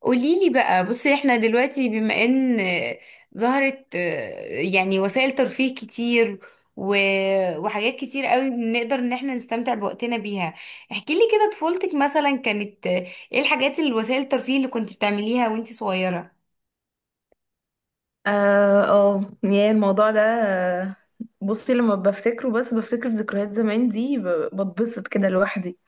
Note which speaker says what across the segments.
Speaker 1: قوليلي بقى. بصي، احنا دلوقتي بما ان ظهرت يعني وسائل ترفيه كتير و... وحاجات كتير قوي بنقدر ان احنا نستمتع بوقتنا بيها. احكي لي كده طفولتك مثلا كانت ايه الحاجات الوسائل الترفيه اللي كنت بتعمليها وانت صغيرة؟
Speaker 2: اه يا الموضوع ده بصي لما بفتكره بس بفتكر ذكريات زمان دي بتبسط كده لوحدي.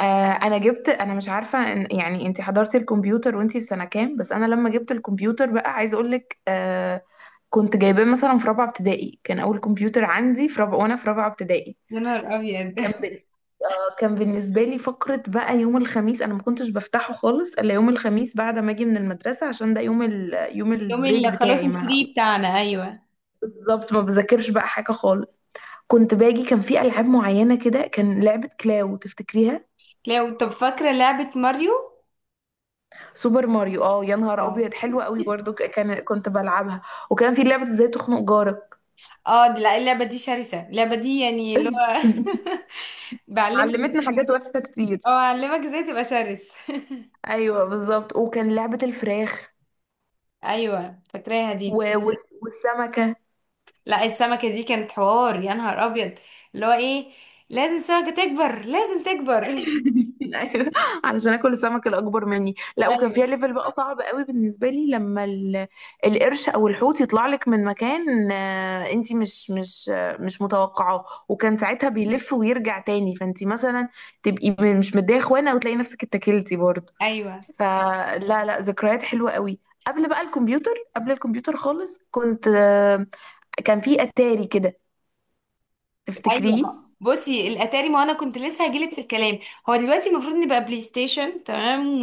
Speaker 2: انا مش عارفه إن يعني انت حضرتي الكمبيوتر وانتي في سنه كام، بس انا لما جبت الكمبيوتر بقى عايزه اقول لك، كنت جايباه مثلا في رابعه ابتدائي، كان اول كمبيوتر عندي في رابعه وانا في رابعه ابتدائي.
Speaker 1: يا نهار ابيض!
Speaker 2: كان بال... كان بالنسبة لي فقرة بقى يوم الخميس، أنا ما كنتش بفتحه خالص إلا يوم الخميس بعد ما أجي من المدرسة عشان ده يوم
Speaker 1: اليوم
Speaker 2: البريك
Speaker 1: اللي خلاص
Speaker 2: بتاعي مع.
Speaker 1: الفري بتاعنا، ايوه.
Speaker 2: بالضبط، ما بذاكرش بقى حاجة خالص. كنت باجي، كان في ألعاب معينة كده، كان لعبة كلاو تفتكريها؟
Speaker 1: لو طب فاكرة لعبة ماريو؟
Speaker 2: سوبر ماريو، اه يا نهار
Speaker 1: اه.
Speaker 2: أبيض حلوة قوي برضه، ك- كان كنت بلعبها. وكان في لعبة ازاي تخنق جارك.
Speaker 1: اه لا، اللعبة دي شرسة، اللعبة دي يعني اللي هو بعلمك
Speaker 2: علمتنا حاجات وحشة كتير.
Speaker 1: او اعلمك ازاي تبقى شرس.
Speaker 2: أيوة بالظبط، وكان لعبة الفراخ
Speaker 1: ايوه فاكراها دي.
Speaker 2: والسمكة.
Speaker 1: لا، السمكه دي كانت حوار يا نهار ابيض. اللي هو ايه؟ لازم السمكه تكبر، لازم تكبر.
Speaker 2: ايوه، علشان اكل السمك الاكبر مني، لا وكان فيها
Speaker 1: ايوه
Speaker 2: ليفل بقى صعب قوي بالنسبه لي لما القرش او الحوت يطلع لك من مكان، انت مش مش متوقعاه، وكان ساعتها بيلف ويرجع تاني، فانت مثلا تبقي مش مديه اخوانه وتلاقي نفسك اتكلتي برضه.
Speaker 1: ايوه
Speaker 2: فلا لا، ذكريات حلوه قوي. قبل بقى الكمبيوتر، قبل الكمبيوتر خالص كنت، كان في اتاري كده،
Speaker 1: ايوه.
Speaker 2: تفتكريه؟
Speaker 1: بصي، الاتاري، ما انا كنت لسه هجيلك في الكلام. هو دلوقتي المفروض نبقى بلاي ستيشن، تمام،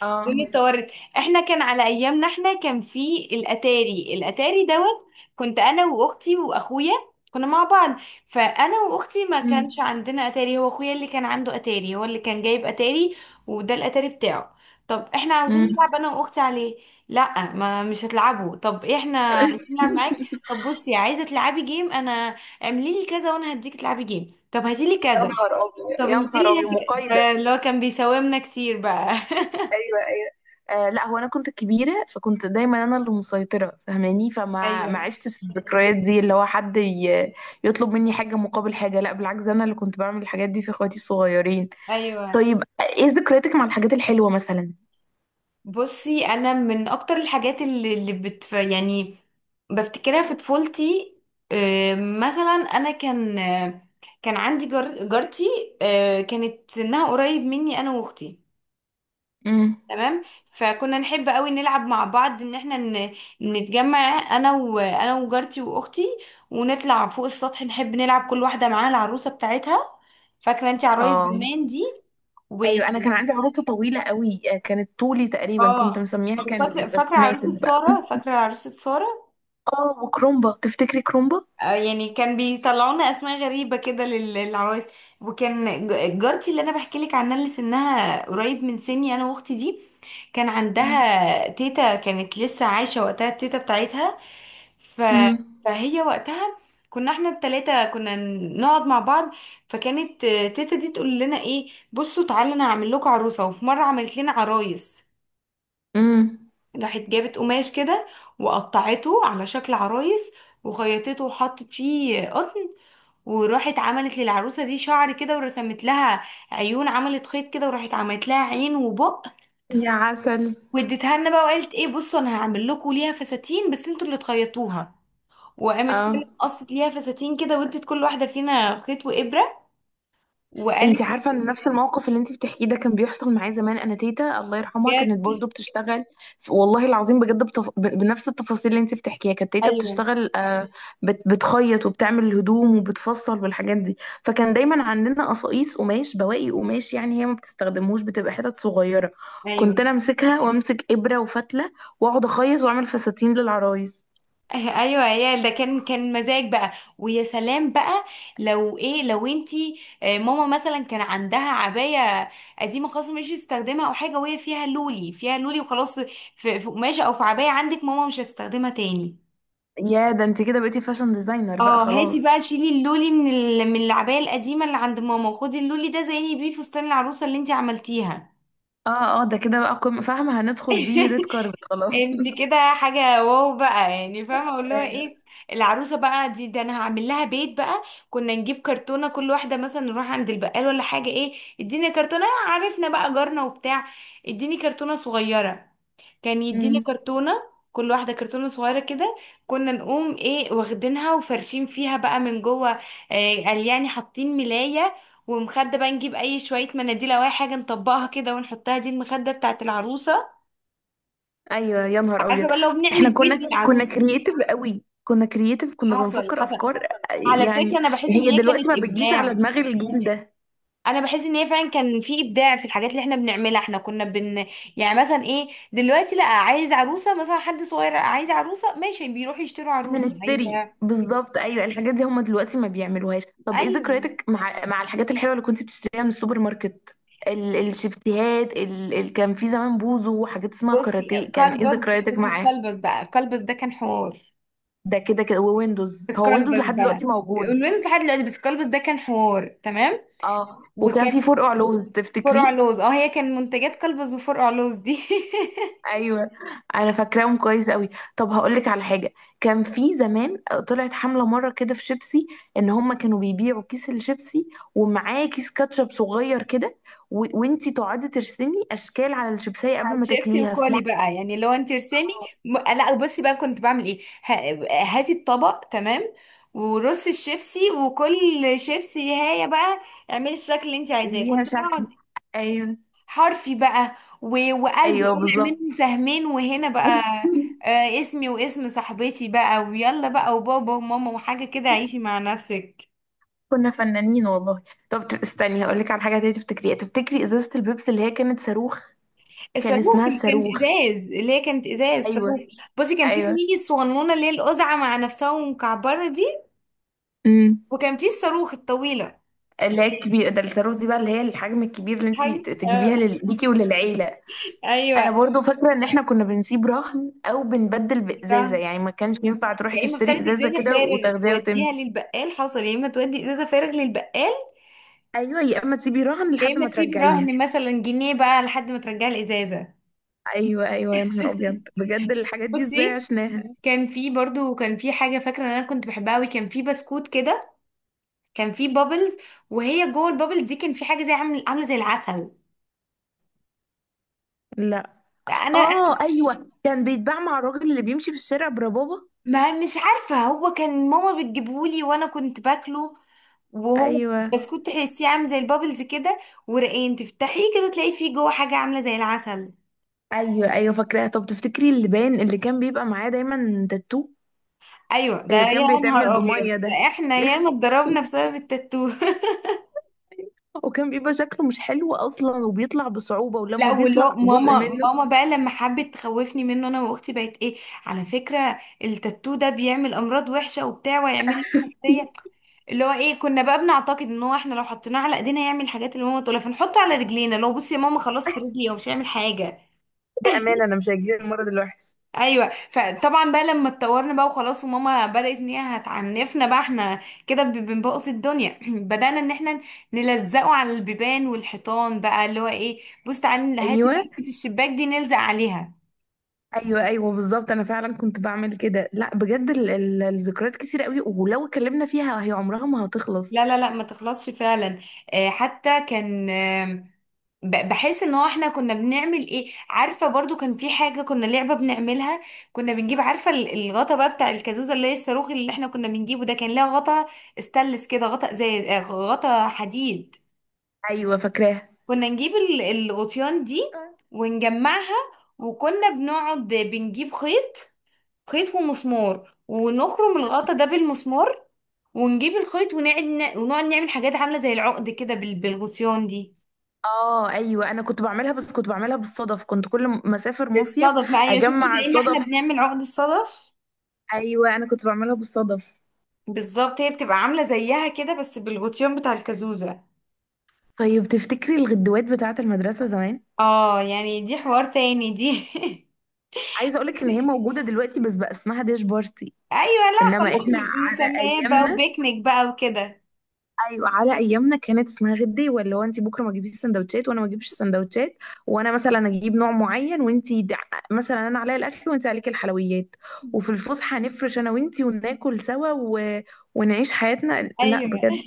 Speaker 2: اه.
Speaker 1: اتطورت. احنا كان على ايامنا، احنا كان في الاتاري، الاتاري دوت. كنت انا واختي واخويا كنا مع بعض. فانا واختي ما كانش عندنا اتاري، هو اخويا اللي كان عنده اتاري، هو اللي كان جايب اتاري، وده الاتاري بتاعه. طب احنا عاوزين
Speaker 2: امم.
Speaker 1: نلعب انا واختي عليه. لا، ما مش هتلعبوا. طب احنا عايزين نلعب معاك. طب بصي، عايزه تلعبي جيم؟ انا اعملي لي كذا وانا هديك تلعبي جيم. طب هاتي لي
Speaker 2: يا
Speaker 1: كذا.
Speaker 2: نهار ابيض
Speaker 1: طب
Speaker 2: يا نهار
Speaker 1: انزلي
Speaker 2: ابيض،
Speaker 1: هاتي كذا.
Speaker 2: مقايضه.
Speaker 1: اللي هو كان بيساومنا كتير بقى.
Speaker 2: ايوه ايوه. لا، هو انا كنت الكبيره فكنت دايما انا اللي مسيطره، فاهماني؟ فما ما
Speaker 1: ايوه
Speaker 2: عشتش الذكريات دي، اللي هو حد يطلب مني حاجه مقابل حاجه، لا بالعكس، انا اللي كنت بعمل الحاجات دي في اخواتي الصغيرين.
Speaker 1: ايوه.
Speaker 2: طيب ايه ذكرياتك مع الحاجات الحلوه مثلا؟
Speaker 1: بصي انا من اكتر الحاجات اللي يعني بفتكرها في طفولتي. مثلا انا كان كان عندي جارتي. كانت سنها قريب مني انا واختي،
Speaker 2: امم.
Speaker 1: تمام. فكنا نحب قوي نلعب مع بعض ان احنا نتجمع انا وجارتي واختي، ونطلع فوق السطح، نحب نلعب كل واحده معاها العروسه بتاعتها. فاكره انت عرايس
Speaker 2: اه
Speaker 1: زمان دي؟ و
Speaker 2: ايوه، انا كان عندي عروسه طويله قوي، كانت طولي تقريبا، كنت
Speaker 1: اه.
Speaker 2: مسميها
Speaker 1: وفاكره
Speaker 2: كاندي،
Speaker 1: فاكره
Speaker 2: بس ماتت
Speaker 1: عروسه
Speaker 2: بقى.
Speaker 1: ساره، فاكره عروسه ساره.
Speaker 2: اه، وكرومبا، تفتكري كرومبا؟
Speaker 1: يعني كان بيطلعونا اسماء غريبه كده للعرايس. وكان جارتي اللي انا بحكي لك عنها اللي سنها قريب من سني انا واختي دي كان عندها تيتا، كانت لسه عايشه وقتها التيتا بتاعتها. ف...
Speaker 2: امم.
Speaker 1: فهي وقتها، كنا احنا التلاتة كنا نقعد مع بعض. فكانت تيتا دي تقول لنا ايه، بصوا تعالوا، انا هعمل لكم عروسة. وفي مرة عملت لنا عرايس.
Speaker 2: امم.
Speaker 1: راحت جابت قماش كده وقطعته على شكل عرايس، وخيطته وحطت فيه قطن. وراحت عملت للعروسة دي شعر كده ورسمت لها عيون، عملت خيط كده وراحت عملت لها عين وبق.
Speaker 2: يا عسل.
Speaker 1: واديتها لنا بقى وقالت ايه، بصوا انا هعمل لكم ليها فساتين بس انتوا اللي تخيطوها. وقامت
Speaker 2: اه،
Speaker 1: فعلا قصت ليها فساتين كده، وادت كل واحده فينا خيط وابره. وقالت
Speaker 2: انت عارفه ان نفس الموقف اللي انت بتحكيه ده كان بيحصل معايا زمان، انا تيتا الله يرحمها كانت
Speaker 1: بجد.
Speaker 2: برضو بتشتغل. والله العظيم بجد بنفس التفاصيل اللي انت بتحكيها كانت تيتا
Speaker 1: ايوه
Speaker 2: بتشتغل، آه بتخيط وبتعمل الهدوم وبتفصل والحاجات دي. فكان دايما عندنا قصاقيس قماش، بواقي قماش يعني، هي ما بتستخدموش، بتبقى حتت صغيره.
Speaker 1: ايوه
Speaker 2: كنت انا امسكها وامسك ابره وفتله، واقعد اخيط واعمل فساتين للعرايس.
Speaker 1: ايوه، يا ده كان مزاج بقى. ويا سلام بقى. لو ايه، لو انتي ماما مثلا كان عندها عبايه قديمه خلاص مش هتستخدمها، او حاجه وهي فيها لولي، فيها لولي وخلاص، في قماشه او في عبايه عندك ماما مش هتستخدمها تاني.
Speaker 2: يا ده، انت كده بقيتي فاشن ديزاينر بقى
Speaker 1: اه، هاتي بقى
Speaker 2: خلاص.
Speaker 1: شيلي اللولي من من العبايه القديمه اللي عند ماما، وخدي اللولي ده زيني بيه فستان العروسه اللي انتي عملتيها.
Speaker 2: اه اه، ده كده بقى قمة، فاهمة؟ هندخل بيه ريد كاربت خلاص.
Speaker 1: انت كده حاجة واو بقى، يعني فاهمة اقول لها
Speaker 2: ايوه.
Speaker 1: ايه. العروسة بقى دي ده انا هعمل لها بيت بقى. كنا نجيب كرتونة، كل واحدة مثلا نروح عند البقال ولا حاجة، ايه، اديني كرتونة. عرفنا بقى جارنا وبتاع، اديني كرتونة صغيرة. كان يدينا
Speaker 2: امم.
Speaker 1: كرتونة، كل واحدة كرتونة صغيرة كده. كنا نقوم ايه واخدينها وفرشين فيها بقى من جوه، إيه قال يعني حاطين ملاية ومخدة بقى، نجيب اي شوية مناديل او اي حاجة نطبقها كده ونحطها، دي المخدة بتاعت العروسة.
Speaker 2: ايوه يا نهار
Speaker 1: عارفه
Speaker 2: ابيض.
Speaker 1: بقى لو
Speaker 2: احنا
Speaker 1: بنعمل بيت
Speaker 2: كنا
Speaker 1: للعروسه.
Speaker 2: كرييتيف قوي، كنا كرييتيف، كنا
Speaker 1: حصل
Speaker 2: بنفكر
Speaker 1: حصل.
Speaker 2: افكار
Speaker 1: على فكره
Speaker 2: يعني.
Speaker 1: انا بحس ان
Speaker 2: هي
Speaker 1: هي
Speaker 2: دلوقتي
Speaker 1: كانت
Speaker 2: ما بتجيش
Speaker 1: ابداع.
Speaker 2: على دماغ الجيل ده.
Speaker 1: انا بحس ان هي فعلا كان في ابداع في الحاجات اللي احنا بنعملها. احنا كنا بن، يعني مثلا ايه، دلوقتي لا، عايز عروسه مثلا، حد صغير عايز عروسه، ماشي، بيروح يشتروا عروسه عايزه.
Speaker 2: هنشتري بالظبط، ايوه الحاجات دي هم دلوقتي ما بيعملوهاش. طب ايه
Speaker 1: ايوه.
Speaker 2: ذكرياتك مع الحاجات الحلوه اللي كنت بتشتريها من السوبر ماركت؟ الشيبسيهات، كان في زمان بوزو وحاجات اسمها
Speaker 1: بصي،
Speaker 2: كاراتيه، كان ايه
Speaker 1: كلبس، بصي
Speaker 2: ذكرياتك
Speaker 1: بصي
Speaker 2: معاه؟
Speaker 1: الكلبس بقى، الكلبس ده كان حوار.
Speaker 2: ده كده كده، وويندوز، هو ويندوز
Speaker 1: الكلبس
Speaker 2: لحد
Speaker 1: بقى،
Speaker 2: دلوقتي موجود.
Speaker 1: الوينز لحد دلوقتي، بس الكلبس ده كان حوار، تمام.
Speaker 2: اه، وكان
Speaker 1: وكان
Speaker 2: في فور علوم
Speaker 1: فرع
Speaker 2: تفتكريه؟
Speaker 1: لوز. اه هي كان منتجات كلبز وفرع لوز دي.
Speaker 2: ايوه، انا فاكراهم كويس قوي. طب هقول لك على حاجه، كان في زمان طلعت حمله مره كده في شيبسي، ان هم كانوا بيبيعوا كيس الشيبسي ومعاه كيس كاتشب صغير كده، وانتي تقعدي ترسمي اشكال على الشيبسيه قبل
Speaker 1: على
Speaker 2: ما
Speaker 1: الشيبسي
Speaker 2: تاكليها،
Speaker 1: وكولي
Speaker 2: اسمها
Speaker 1: بقى، يعني لو انت ارسمي لا بصي بقى كنت بعمل ايه، هاتي الطبق، تمام، ورصي الشيبسي، وكل شيبسي هاية بقى اعملي الشكل اللي انت عايزاه.
Speaker 2: ليها
Speaker 1: كنت
Speaker 2: شكل.
Speaker 1: بقعد
Speaker 2: ايوه
Speaker 1: حرفي بقى و... وقلب
Speaker 2: ايوه
Speaker 1: طالع
Speaker 2: بالظبط.
Speaker 1: منه سهمين وهنا بقى. آه اسمي واسم صاحبتي بقى، ويلا بقى، وبابا وماما وحاجة كده عيشي مع نفسك.
Speaker 2: كنا فنانين والله. طب استني، هقول لك على حاجه تانية تفتكريها، تفتكري ازازه البيبسي اللي هي كانت صاروخ؟ كان
Speaker 1: الصاروخ
Speaker 2: اسمها
Speaker 1: اللي كانت
Speaker 2: الصاروخ.
Speaker 1: ازاز، اللي هي كانت ازاز
Speaker 2: ايوه.
Speaker 1: صاروخ. بصي كان في
Speaker 2: ايوه.
Speaker 1: ميني الصغنونه اللي هي القزعه مع نفسها ومكعبره دي.
Speaker 2: امم.
Speaker 1: وكان في الصاروخ الطويلة.
Speaker 2: اللي هي الكبيره ده، الصاروخ دي بقى اللي هي الحجم الكبير اللي انت
Speaker 1: حاجة
Speaker 2: ت-
Speaker 1: آه.
Speaker 2: تجيبيها ليكي وللعيله. انا
Speaker 1: أيوة.
Speaker 2: برضو فاكره ان احنا كنا بنسيب رهن او بنبدل بازازه،
Speaker 1: فاهمة.
Speaker 2: يعني ما كانش ينفع تروحي
Speaker 1: يا اما
Speaker 2: تشتري
Speaker 1: بتاخدي
Speaker 2: ازازه
Speaker 1: ازازة
Speaker 2: كده
Speaker 1: فارغ
Speaker 2: وتاخديها وتمشي.
Speaker 1: توديها للبقال، حصل، يا اما تودي ازازة فارغ للبقال،
Speaker 2: ايوه، يا اما تسيبي رهن
Speaker 1: يا
Speaker 2: لحد
Speaker 1: اما
Speaker 2: ما
Speaker 1: تسيبي
Speaker 2: ترجعيها.
Speaker 1: رهن مثلا جنيه بقى لحد ما ترجعي الازازة.
Speaker 2: ايوه ايوه يا نهار ابيض، بجد الحاجات دي ازاي
Speaker 1: بصي
Speaker 2: عشناها.
Speaker 1: كان في برضو، كان في حاجة فاكرة ان انا كنت بحبها قوي، كان في بسكوت كده. كان في بابلز، وهي جوه البابلز دي كان في حاجة زي عامل عاملة زي العسل.
Speaker 2: لا.
Speaker 1: انا
Speaker 2: اه ايوه، كان بيتباع مع الراجل اللي بيمشي في الشارع بربابه.
Speaker 1: ما مش عارفة، هو كان ماما بتجيبهولي وانا كنت باكله. وهو
Speaker 2: ايوه.
Speaker 1: بسكوت تحسيه عامل زي البابلز كده، ورقين تفتحيه كده تلاقي فيه جوه حاجة عاملة زي العسل.
Speaker 2: ايوه ايوه فاكراها. طب تفتكري اللبان اللي كان بيبقى معاه دايما تاتو؟
Speaker 1: ايوه ده
Speaker 2: اللي
Speaker 1: يا
Speaker 2: كان بيتعمل
Speaker 1: نهار ابيض،
Speaker 2: بميه
Speaker 1: ده
Speaker 2: ده.
Speaker 1: احنا ياما اتضربنا بسبب التاتو.
Speaker 2: وكان بيبقى شكله مش حلو اصلا، وبيطلع بصعوبه، ولما
Speaker 1: لا، ولا
Speaker 2: بيطلع جزء
Speaker 1: ماما
Speaker 2: منه.
Speaker 1: ماما بقى لما حبت تخوفني منه انا واختي، بقت ايه، على فكرة التاتو ده بيعمل امراض وحشة وبتاع ويعمل لك حساسية. اللي هو ايه، كنا بقى بنعتقد ان هو احنا لو حطيناه على ايدينا هيعمل الحاجات اللي ماما تقولها، فنحطه على رجلينا، لو بصي يا ماما خلاص في رجلي هو مش هيعمل حاجة.
Speaker 2: ده امان، انا مش هجيب المرض الوحش.
Speaker 1: ايوه فطبعا بقى لما اتطورنا بقى وخلاص، وماما بدات ان هي هتعنفنا بقى، احنا كده بنبوظ الدنيا بدانا ان احنا نلزقه على البيبان والحيطان بقى، اللي هو ايه، بص تعالي هاتي
Speaker 2: ايوه.
Speaker 1: ضلفه الشباك دي نلزق عليها.
Speaker 2: ايوه ايوه بالظبط، انا فعلا كنت بعمل كده. لا بجد، الذكريات كتير قوي، ولو اتكلمنا فيها هي عمرها ما هتخلص.
Speaker 1: لا لا لا، ما تخلصش فعلا. حتى كان بحس ان هو احنا كنا بنعمل ايه، عارفه برضو كان في حاجه كنا لعبه بنعملها. كنا بنجيب، عارفه الغطا بقى بتاع الكازوزه اللي هي الصاروخ اللي احنا كنا بنجيبه ده كان لها غطا استانلس كده، غطا زي غطا حديد.
Speaker 2: ايوه فاكراها.
Speaker 1: كنا نجيب الغطيان دي ونجمعها. وكنا بنقعد بنجيب خيط، خيط ومسمار، ونخرم الغطا ده بالمسمار، ونجيب الخيط ونقعد ونقعد نعمل حاجات عاملة زي العقد كده بالغطيان دي.
Speaker 2: اه ايوه، انا كنت بعملها بس كنت بعملها بالصدف، كنت كل ما اسافر مصيف
Speaker 1: بالصدف، ما هي شفت
Speaker 2: اجمع
Speaker 1: زي ما احنا
Speaker 2: الصدف.
Speaker 1: بنعمل عقد الصدف.
Speaker 2: ايوه، انا كنت بعملها بالصدف.
Speaker 1: بالظبط هي بتبقى عاملة زيها كده بس بالغطيان بتاع الكازوزة.
Speaker 2: طيب تفتكري الغدوات بتاعه المدرسه زمان؟
Speaker 1: اه يعني دي حوار تاني دي.
Speaker 2: عايزه اقولك ان هي موجوده دلوقتي بس بقى اسمها ديش بارتي.
Speaker 1: ايوه لا
Speaker 2: انما
Speaker 1: خلاص،
Speaker 2: احنا على
Speaker 1: المسميات بقى،
Speaker 2: ايامنا،
Speaker 1: وبيكنيك بقى وكده.
Speaker 2: ايوه على ايامنا كانت اسمها غدي، ولا هو انت بكره ما تجيبيش سندوتشات وانا ما اجيبش سندوتشات، وانا مثلا اجيب نوع معين وانت مثلا انا عليا الاكل وانت عليك الحلويات، وفي الفسحه هنفرش انا وانت وناكل سوا ونعيش حياتنا. لا
Speaker 1: ايوه.
Speaker 2: بجد،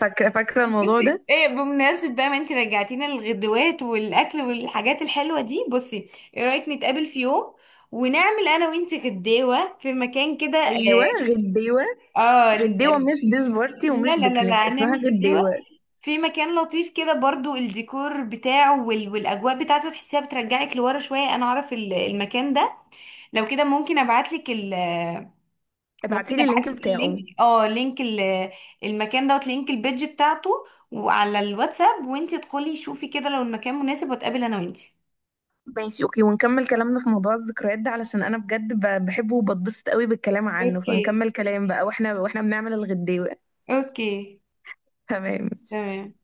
Speaker 2: فاكره الموضوع
Speaker 1: بصي
Speaker 2: ده.
Speaker 1: ايه، بمناسبة بقى ما انت رجعتينا للغدوات والاكل والحاجات الحلوة دي، بصي ايه رأيك نتقابل في يوم ونعمل انا وانت غداوة في مكان كده،
Speaker 2: ايوه. غديوه.
Speaker 1: اه. آه
Speaker 2: غديوه،
Speaker 1: ن-
Speaker 2: مش ديش بارتي ومش
Speaker 1: لا لا لا
Speaker 2: بيكنيك،
Speaker 1: لا،
Speaker 2: اسمها
Speaker 1: هنعمل
Speaker 2: غديوه.
Speaker 1: غداوة في مكان لطيف كده برضو، الديكور بتاعه والاجواء بتاعته تحسيها بترجعك لورا شوية. انا اعرف المكان ده، لو كده ممكن ابعتلك. ممكن
Speaker 2: ابعتيلي اللينك
Speaker 1: ابعت لك
Speaker 2: بتاعه.
Speaker 1: اللينك، اه، لينك المكان دوت لينك البيدج بتاعته وعلى الواتساب، وانتي ادخلي شوفي كده لو المكان مناسب واتقابل انا وانتي.
Speaker 2: ماشي اوكي، ونكمل كلامنا في موضوع الذكريات ده، علشان انا بجد بحبه وبتبسط قوي بالكلام عنه،
Speaker 1: اوكي
Speaker 2: فنكمل كلام بقى واحنا بنعمل الغداوة.
Speaker 1: اوكي.
Speaker 2: تمام ماشي.
Speaker 1: تمام.